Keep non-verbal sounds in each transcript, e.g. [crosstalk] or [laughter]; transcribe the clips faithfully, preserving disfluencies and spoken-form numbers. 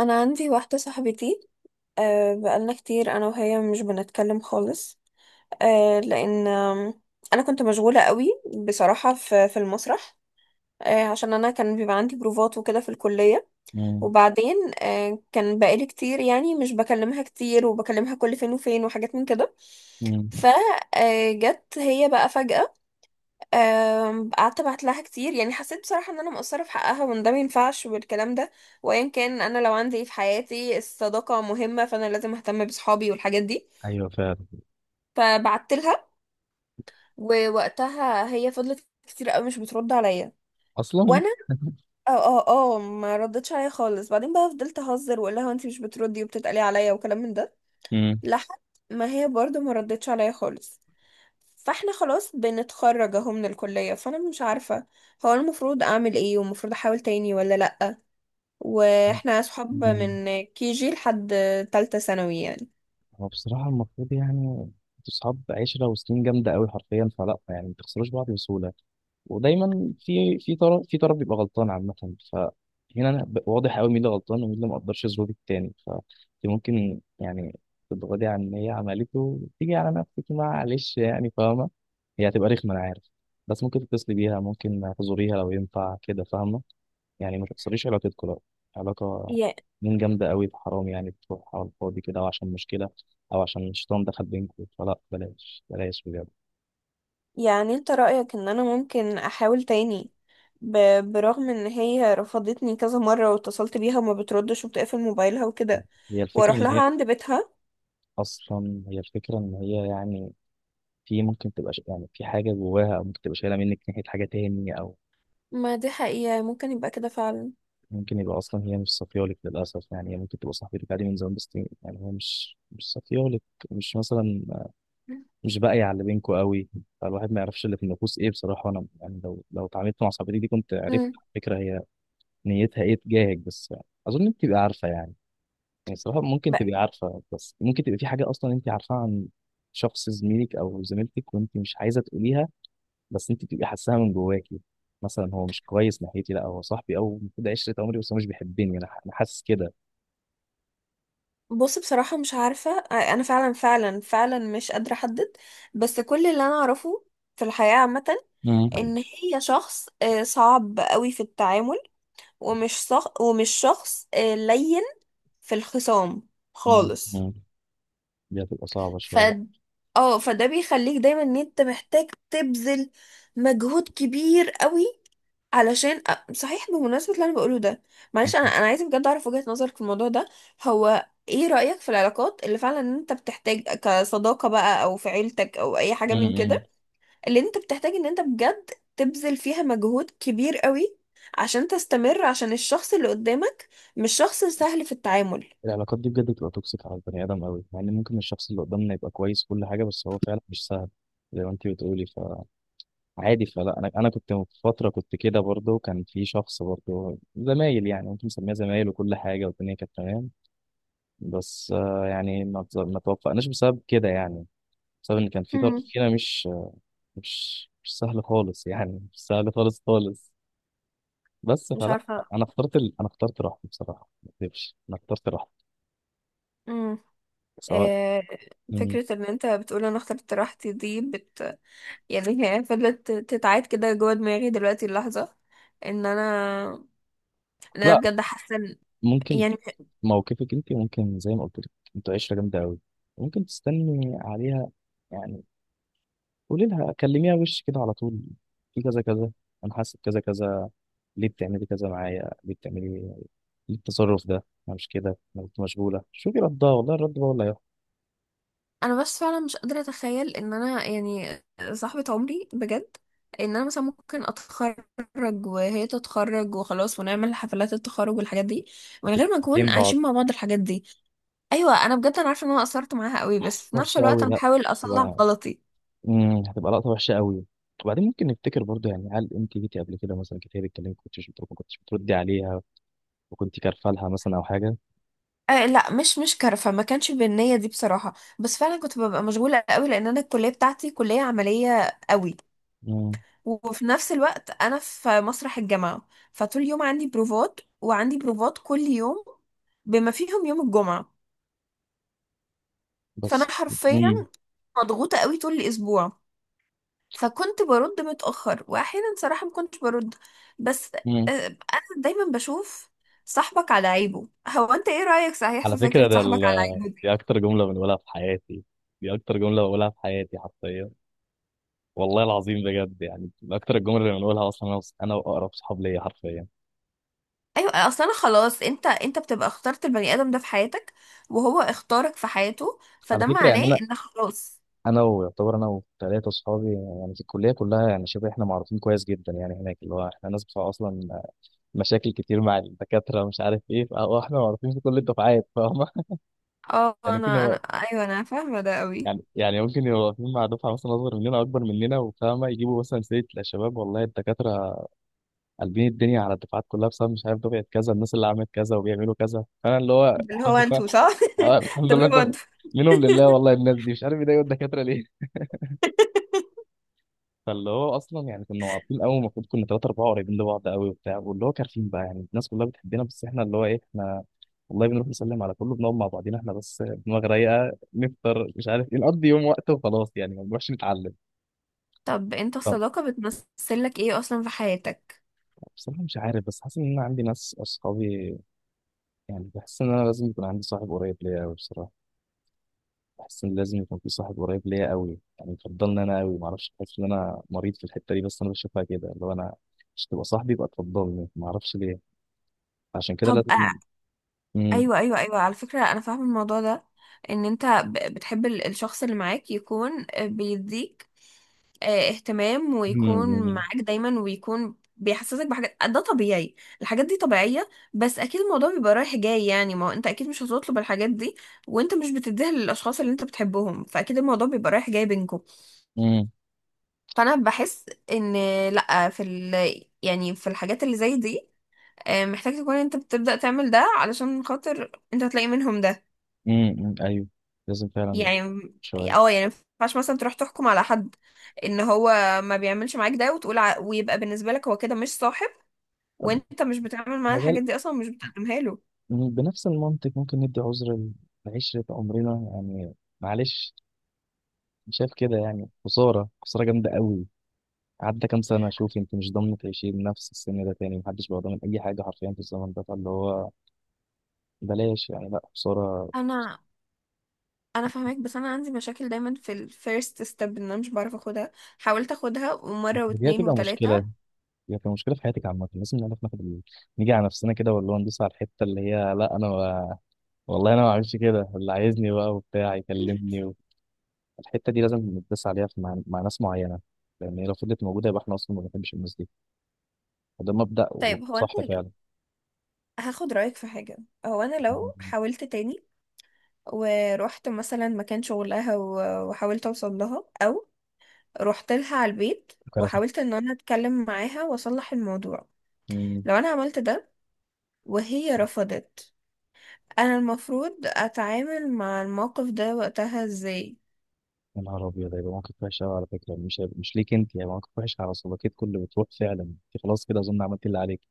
انا عندي واحده صاحبتي. أه بقالنا كتير انا وهي مش بنتكلم خالص. أه لان آم، انا كنت مشغوله قوي بصراحه في في المسرح، أه عشان انا كان بيبقى عندي بروفات وكده في الكليه. مم. وبعدين، أه كان بقالي كتير يعني مش بكلمها كتير، وبكلمها كل فين وفين وحاجات من كده. مم. فجت هي بقى فجاه، أم، قعدت ابعت لها كتير، يعني حسيت بصراحه ان انا مقصره في حقها وان ده ما ينفعش والكلام ده. وايا كان، انا لو عندي إيه في حياتي الصداقه مهمه، فانا لازم اهتم بصحابي والحاجات دي. ايوه، فعلا. فبعت لها. ووقتها هي فضلت كتير قوي مش بترد عليا، اصلا. وانا [laughs] اه اه اه ما ردتش عليا خالص. بعدين بقى فضلت اهزر واقول لها انت مش بتردي وبتتقلي عليا وكلام من ده، مم. لحد ما هي برضو ما ردتش عليا خالص. فاحنا خلاص بنتخرج اهو من الكلية، فانا مش عارفة هو المفروض اعمل ايه، ومفروض احاول تاني ولا لأ. واحنا صحاب مم. من كي جي لحد تالتة ثانوي يعني. هو بصراحه المفروض يعني انتوا اصحاب عشره وسنين جامده قوي حرفيا، فلا يعني ما تخسروش بعض بسهوله. ودايما في في طرف في طرف بيبقى غلطان عامه. فهنا انا ب- واضح قوي مين اللي غلطان ومين اللي ما قدرش يظبط التاني. فانت ممكن يعني تتغاضي عن اللي هي عملته وتيجي على نفسك، معلش يعني، فاهمه؟ هي هتبقى رخمه انا عارف، بس ممكن تتصلي بيها، ممكن تزوريها لو ينفع كده، فاهمه؟ يعني ما تكسريش علاقتكم، لا. علاقة ي- من جامدة قوي، في حرام، يعني بتروح على الفاضي كده أو عشان مشكلة أو عشان الشيطان دخل بينكم، فلا، بلاش بلاش بجد. يعني انت رأيك ان انا ممكن احاول تاني، ب- برغم ان هي رفضتني كذا مرة، واتصلت بيها وما بتردش وبتقفل موبايلها وكده، هي الفكرة واروح إن لها هي عند بيتها؟ أصلا هي الفكرة إن هي يعني في، ممكن تبقى ش- يعني في حاجة جواها، أو ممكن تبقى شايلة منك ناحية حاجة تاني، أو ما دي حقيقة ممكن يبقى كده فعلا. ممكن يبقى أصلا هي مش صافيالك للأسف. يعني هي ممكن تبقى صاحبتك عادي من زمان، بس يعني هي مش مش صافيالك، مش مثلا مش باقي على اللي بينكوا قوي. فالواحد ما يعرفش اللي في النفوس ايه، بصراحه انا يعني لو لو اتعاملت مع صاحبتي دي كنت عرفت، مم. على فكره، هي نيتها ايه تجاهك. بس يعني اظن انت تبقي عارفه يعني، يعني صراحه ممكن تبقي عارفه. بس ممكن تبقى في حاجه اصلا انت عارفاها عن شخص زميلك او زميلتك وانت مش عايزه تقوليها، بس انت بتبقي حاساها من جواكي. مثلا هو مش كويس ناحيتي، لا هو صاحبي او المفروض عشره عمري، بس هو مش بيحبني، انا ح- أنا حاسس كده. بص، بصراحة مش عارفة، أنا فعلا فعلا فعلا مش قادرة أحدد. بس كل اللي أنا أعرفه في الحياة عامة مم. إن هي شخص آه، صعب قوي في التعامل، ومش صخ ومش شخص آه، لين في الخصام مم. خالص. مم. دي هتبقى صعبه ف شويه. اه فده بيخليك دايما ان انت محتاج تبذل مجهود كبير قوي علشان. أ- صحيح، بمناسبة اللي انا بقوله ده، مم. معلش، انا انا عايزه بجد اعرف وجهة نظرك في الموضوع ده. هو ايه رأيك في العلاقات اللي فعلا انت بتحتاج، كصداقة بقى او في عيلتك او اي حاجة من مم. كده، اللي انت بتحتاج ان انت بجد تبذل فيها مجهود كبير قوي عشان تستمر، عشان الشخص اللي قدامك مش شخص سهل في التعامل؟ العلاقات دي بجد بتبقى توكسيك على البني ادم قوي، مع ان ممكن الشخص اللي قدامنا يبقى كويس كل حاجه، بس هو فعلا مش سهل، زي ما انت بتقولي. فعادي، فلا، انا انا كنت في فتره كنت كده برضه، كان في شخص برضه زمايل، يعني ممكن نسميها زمايل، وكل حاجه والدنيا كانت تمام. بس آه، يعني ما ت- ما توفقناش بسبب كده يعني، بسبب ان كان في طرف مم. فينا مش مش مش سهل خالص، يعني مش سهل خالص خالص. بس مش فلا، عارفة. انا اخترت ال... انا اخترت راحتي بصراحه، ما اكذبش، انا اخترت راحتي، سواء. آه، مم. فكرة ان انت بتقول انا اخترت راحتي دي. بت... يعني هي فضلت تتعاد كده جوه دماغي دلوقتي اللحظة، ان انا، ان انا لا بجد حاسة إن- ممكن، يعني موقفك انت ممكن زي ما قلت لك، انتوا عشره جامده قوي، ممكن تستني عليها. يعني قولي لها، كلميها وش كده على طول: في كذا كذا، انا حاسس بكذا كذا، ليه بتعملي كذا معايا، ليه بتعملي، ليه التصرف ده، انا مش كده، انا كنت مشغوله. شوفي ردها والله، الرد بقى ولا انا بس فعلا مش قادرة اتخيل ان انا يعني صاحبة عمري بجد، ان انا مثلا ممكن اتخرج وهي تتخرج وخلاص، ونعمل حفلات التخرج والحاجات دي من غير هتبقى ما نكون بين بعض عايشين مع بعض الحاجات دي. ايوه، انا بجد انا عارفة ان انا قصرت معاها قوي، بس في نفس وحشه الوقت قوي. انا لا، بحاول اصلح هتبقى غلطي. مم، هتبقى لقطه وحشه قوي. وبعدين ممكن نفتكر برضه، يعني هل انت جيتي قبل كده مثلا كتير بتكلمك كنتش بتردي- ما كنتش بتردي عليها وكنت كارفه لها مثلا او حاجه؟ آه لا، مش مش كرفة، ما كانش بالنية دي بصراحة، بس فعلا كنت ببقى مشغولة قوي، لأن أنا الكلية بتاعتي كلية عملية قوي، مم، وفي نفس الوقت أنا في مسرح الجامعة، فطول اليوم عندي بروفات، وعندي بروفات كل يوم بما فيهم يوم الجمعة. فأنا بس حرفيا مم. مضغوطة قوي طول الأسبوع، فكنت برد متأخر، وأحيانا صراحة ما كنتش برد. بس مم. آه أنا دايما بشوف صاحبك على عيبه. هو أنت إيه رأيك صحيح على في فكرة، فكرة ده صاحبك ال... على عيبه؟ دي أكتر جملة بنقولها في حياتي، دي أكتر جملة بقولها في حياتي حرفيا، والله العظيم بجد، يعني من أكتر الجمل اللي بنقولها أصلا أنا وص- أنا وأقرب صحاب ليا حرفيا. ايوه، اصل انا خلاص، انت انت بتبقى اخترت البني ادم ده في حياتك، وهو اختارك في حياته، على فده فكرة يعني معناه أنا ان خلاص. أنا ويعتبر أنا وثلاثة صحابي يعني في الكلية كلها، يعني شبه إحنا معروفين كويس جدا يعني هناك، اللي هو إحنا ناس بتوع أصلا مشاكل كتير مع الدكاترة، مش عارف إيه، فهو إحنا معروفين في كل الدفعات، فاهمة؟ [laughs] اه يعني ممكن انا انا يبقى ايوه، انا فاهمه ده قوي. يعني يعني ممكن يبقوا واقفين مع دفعة مثلا أصغر مننا أكبر مننا، وفاهمة يجيبوا مثلا سيرة: لا شباب، والله الدكاترة قلبين الدنيا على الدفعات كلها بسبب مش عارف دفعه كذا، الناس اللي عملت كذا وبيعملوا كذا، فانا اللي هو ده اللي هو الحمد لله. انتوا صح. اه الحمد [laughs] ده لله. اللي هو انت انتوا. منهم لله، والله الناس دي مش عارف يضايقوا الدكاتره ليه. [laughs] فاللي هو اصلا، يعني كنا واقفين قوي، المفروض كنا ثلاثه اربعه قريبين لبعض قوي وبتاع، واللي هو كارفين بقى، يعني الناس كلها بتحبنا، بس احنا اللي هو ايه، احنا والله بنروح نسلم على كله، بنقعد مع بعضينا احنا بس، دماغ رايقه، نفطر، مش عارف ايه، نقضي يوم وقت وخلاص، يعني ما بنروحش نتعلم. طب انت طب الصداقه بتمثل لك ايه اصلا في حياتك؟ بصراحه مش عارف، بس حاسس ان انا عندي ناس اصحابي، يعني بحس ان انا لازم يكون عندي صاحب قريب ليا قوي بصراحه، بحس ان لازم يكون في صاحب قريب ليا قوي، يعني يفضلني انا قوي، معرفش، بحس ان انا مريض في الحته دي، بس انا بشوفها كده، اللي هو انا مش تبقى صاحبي يبقى تفضلني، معرفش ليه، عشان كده طب. لازم. آه، امم ايوه ايوه ايوه، على فكره انا فاهمه الموضوع ده. ان انت ب- بتحب ال- الشخص اللي معاك يكون بيديك آه، اهتمام، ويكون امم معاك دايما، ويكون بيحسسك بحاجات، ده طبيعي. الحاجات دي طبيعية. بس اكيد الموضوع بيبقى رايح جاي، يعني ما هو انت اكيد مش هتطلب الحاجات دي وانت مش بتديها للاشخاص اللي انت بتحبهم، فاكيد الموضوع بيبقى رايح جاي بينكم. امم فانا بحس ان لا، في ال... يعني في الحاجات اللي زي دي، آه، محتاج تكون انت بتبدأ تعمل ده علشان خاطر انت هتلاقي منهم ده. امم ايوه، لازم فعلا يعني، شويه. اه يعني ما ينفعش مثلا تروح تحكم على حد ان هو ما بيعملش معاك ده، وتقول ع... ويبقى بالنسبة لك هو كده مش صاحب، طب وانت مش بتعمل معاه مجال، الحاجات دي اصلا، مش بتقدمها له. مم، بنفس المنطق ممكن ندي عذر لعشرة عمرنا يعني، معلش، مش شايف كده؟ يعني خسارة خسارة جامدة قوي. عدى كام سنة، شوف انت مش ضامن تعيشي بنفس السن ده تاني، محدش بقى ضامن أي حاجة حرفيا في الزمن ده، فاللي هو بلاش يعني، لا بصورة. انا انا فاهمك، بس انا عندي مشاكل دايما في الفيرست ستيب، ان انا مش بعرف اخدها. حاولت اخدها مره دي واتنين هتبقى مشكلة، وتلاته. دي هتبقى مشكلة في حياتك عامة، لازم نعرف ناخد ال... نيجي على نفسنا كده، ولا هو ندوس على الحتة اللي هي: لا أنا ما... والله أنا ما أعملش كده، اللي عايزني بقى وبتاع يكلمني و... الحتة دي لازم ندوس عليها في مع... مع ناس معينة. لأن هي لو فضلت موجودة يبقى إحنا أصلا ما بنحبش الناس دي، وده مبدأ طيب، هو انا وصح ال- فعلا. هاخد رايك في حاجه. هو انا لو مم. حاولت تاني ورحت مثلا مكان شغلها و- وحاولت اوصل لها، رحت لها على البيت كرفت. وحاولت ان انا اتكلم معاها واصلح الموضوع، مم. لو انا عملت ده وهي رفضت، انا المفروض اتعامل مع الموقف ده وقتها ازاي؟ يا نهار أبيض، هيبقى موقف وحش أوي. على فكرة مش هيبقى... مش ليك أنت، هيبقى موقف وحش على صداقتكم اللي بتروح. فعلا أنت خلاص كده أظن عملت اللي عليك،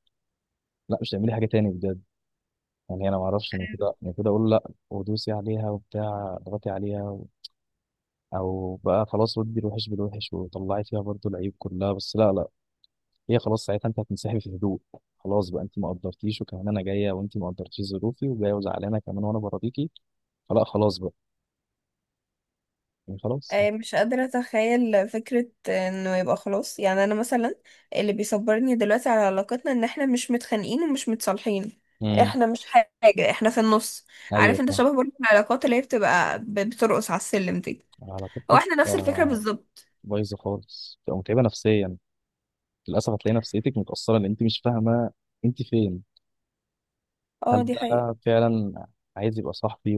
لا مش هتعملي حاجة تاني بجد. يعني انا ما اعرفش، انا كده انا كده اقول لا ودوسي عليها وبتاع اضغطي عليها و... او بقى خلاص ودي الوحش بالوحش وطلعي فيها برضو العيب كلها، بس لا لا. هي خلاص ساعتها انت هتنسحبي في هدوء، خلاص بقى، انت ما قدرتيش وكمان انا جايه، وانت ما قدرتيش ظروفي وجايه وزعلانه كمان وانا برضيكي، فلا خلاص بقى، يعني خلاص. آه، مش قادرة اتخيل فكرة انه يبقى خلاص، يعني انا مثلا اللي بيصبرني دلوقتي على علاقتنا ان احنا مش متخانقين ومش متصالحين. امم احنا مش حاجة، احنا في النص. عارف ايوه انت، فاهم. شبه برضه العلاقات اللي هي بتبقى ب- بترقص على السلم دي. هو علاقتك احنا نفس الفكرة آه، بالظبط. بايظه خالص، بتبقى متعبه نفسيا، للاسف هتلاقي نفسيتك متاثره لان انت مش فاهمه انت فين، اه، هل دي حقيقة. ده فعلا عايز يبقى صاحبي،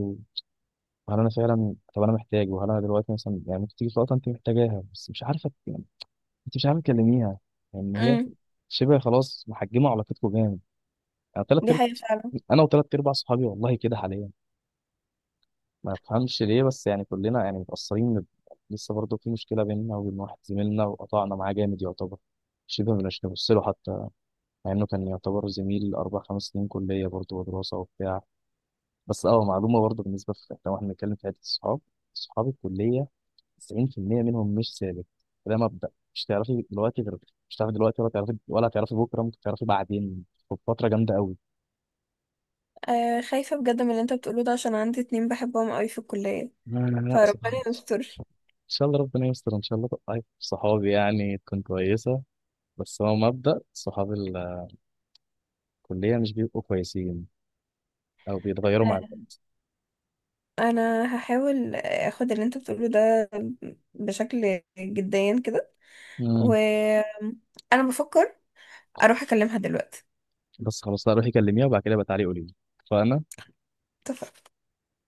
هل انا فعلا، طب انا محتاج، وهل انا دلوقتي مثلا، يعني ممكن تيجي في وقت انت محتاجاها بس مش عارفه، يعني انت مش عارفه تكلميها، يعني هي امم. شبه خلاص محجمه علاقتكم جامد. انا ثلاث دي ارب... حقيقة فعلا. انا وثلاث ارباع صحابي والله كده حاليا، ما بفهمش ليه، بس يعني كلنا يعني متاثرين، لسه برضه في مشكله بيننا وبين واحد زميلنا، وقطعنا معاه جامد يعتبر، شبه مش نبص له حتى، مع انه كان يعتبر زميل اربع خمس سنين كليه برضه ودراسه وبتاع. بس اه معلومه برضه بالنسبه في، لو احنا بنتكلم في حته الصحاب، صحاب الكليه تسعين في المية منهم مش ثابت. ده مبدأ، مش تعرفي دلوقتي غير، مش تعرفي دلوقتي ولا تعرفي ولا تعرفي بكره، ممكن تعرفي بعدين وفتره جامده قوي. آه، خايفة بجد من اللي انت بتقوله ده، عشان عندي اتنين بحبهم قوي في الكلية، لا لا لا، فربنا سبحان الله، ان يستر. شاء الله ربنا يستر، ان شاء الله طيب، صحابي يعني تكون كويسه، بس هو مبدأ صحاب الكليه مش بيبقوا كويسين او بيتغيروا مع آه، الوقت. انا هحاول اخد اللي انت بتقوله ده بشكل جديا كده. مم. وانا بفكر اروح اكلمها دلوقتي. بس خلاص، لا روحي كلميها وبعد كده بتعالي قولي لي، فانا اتفقنا.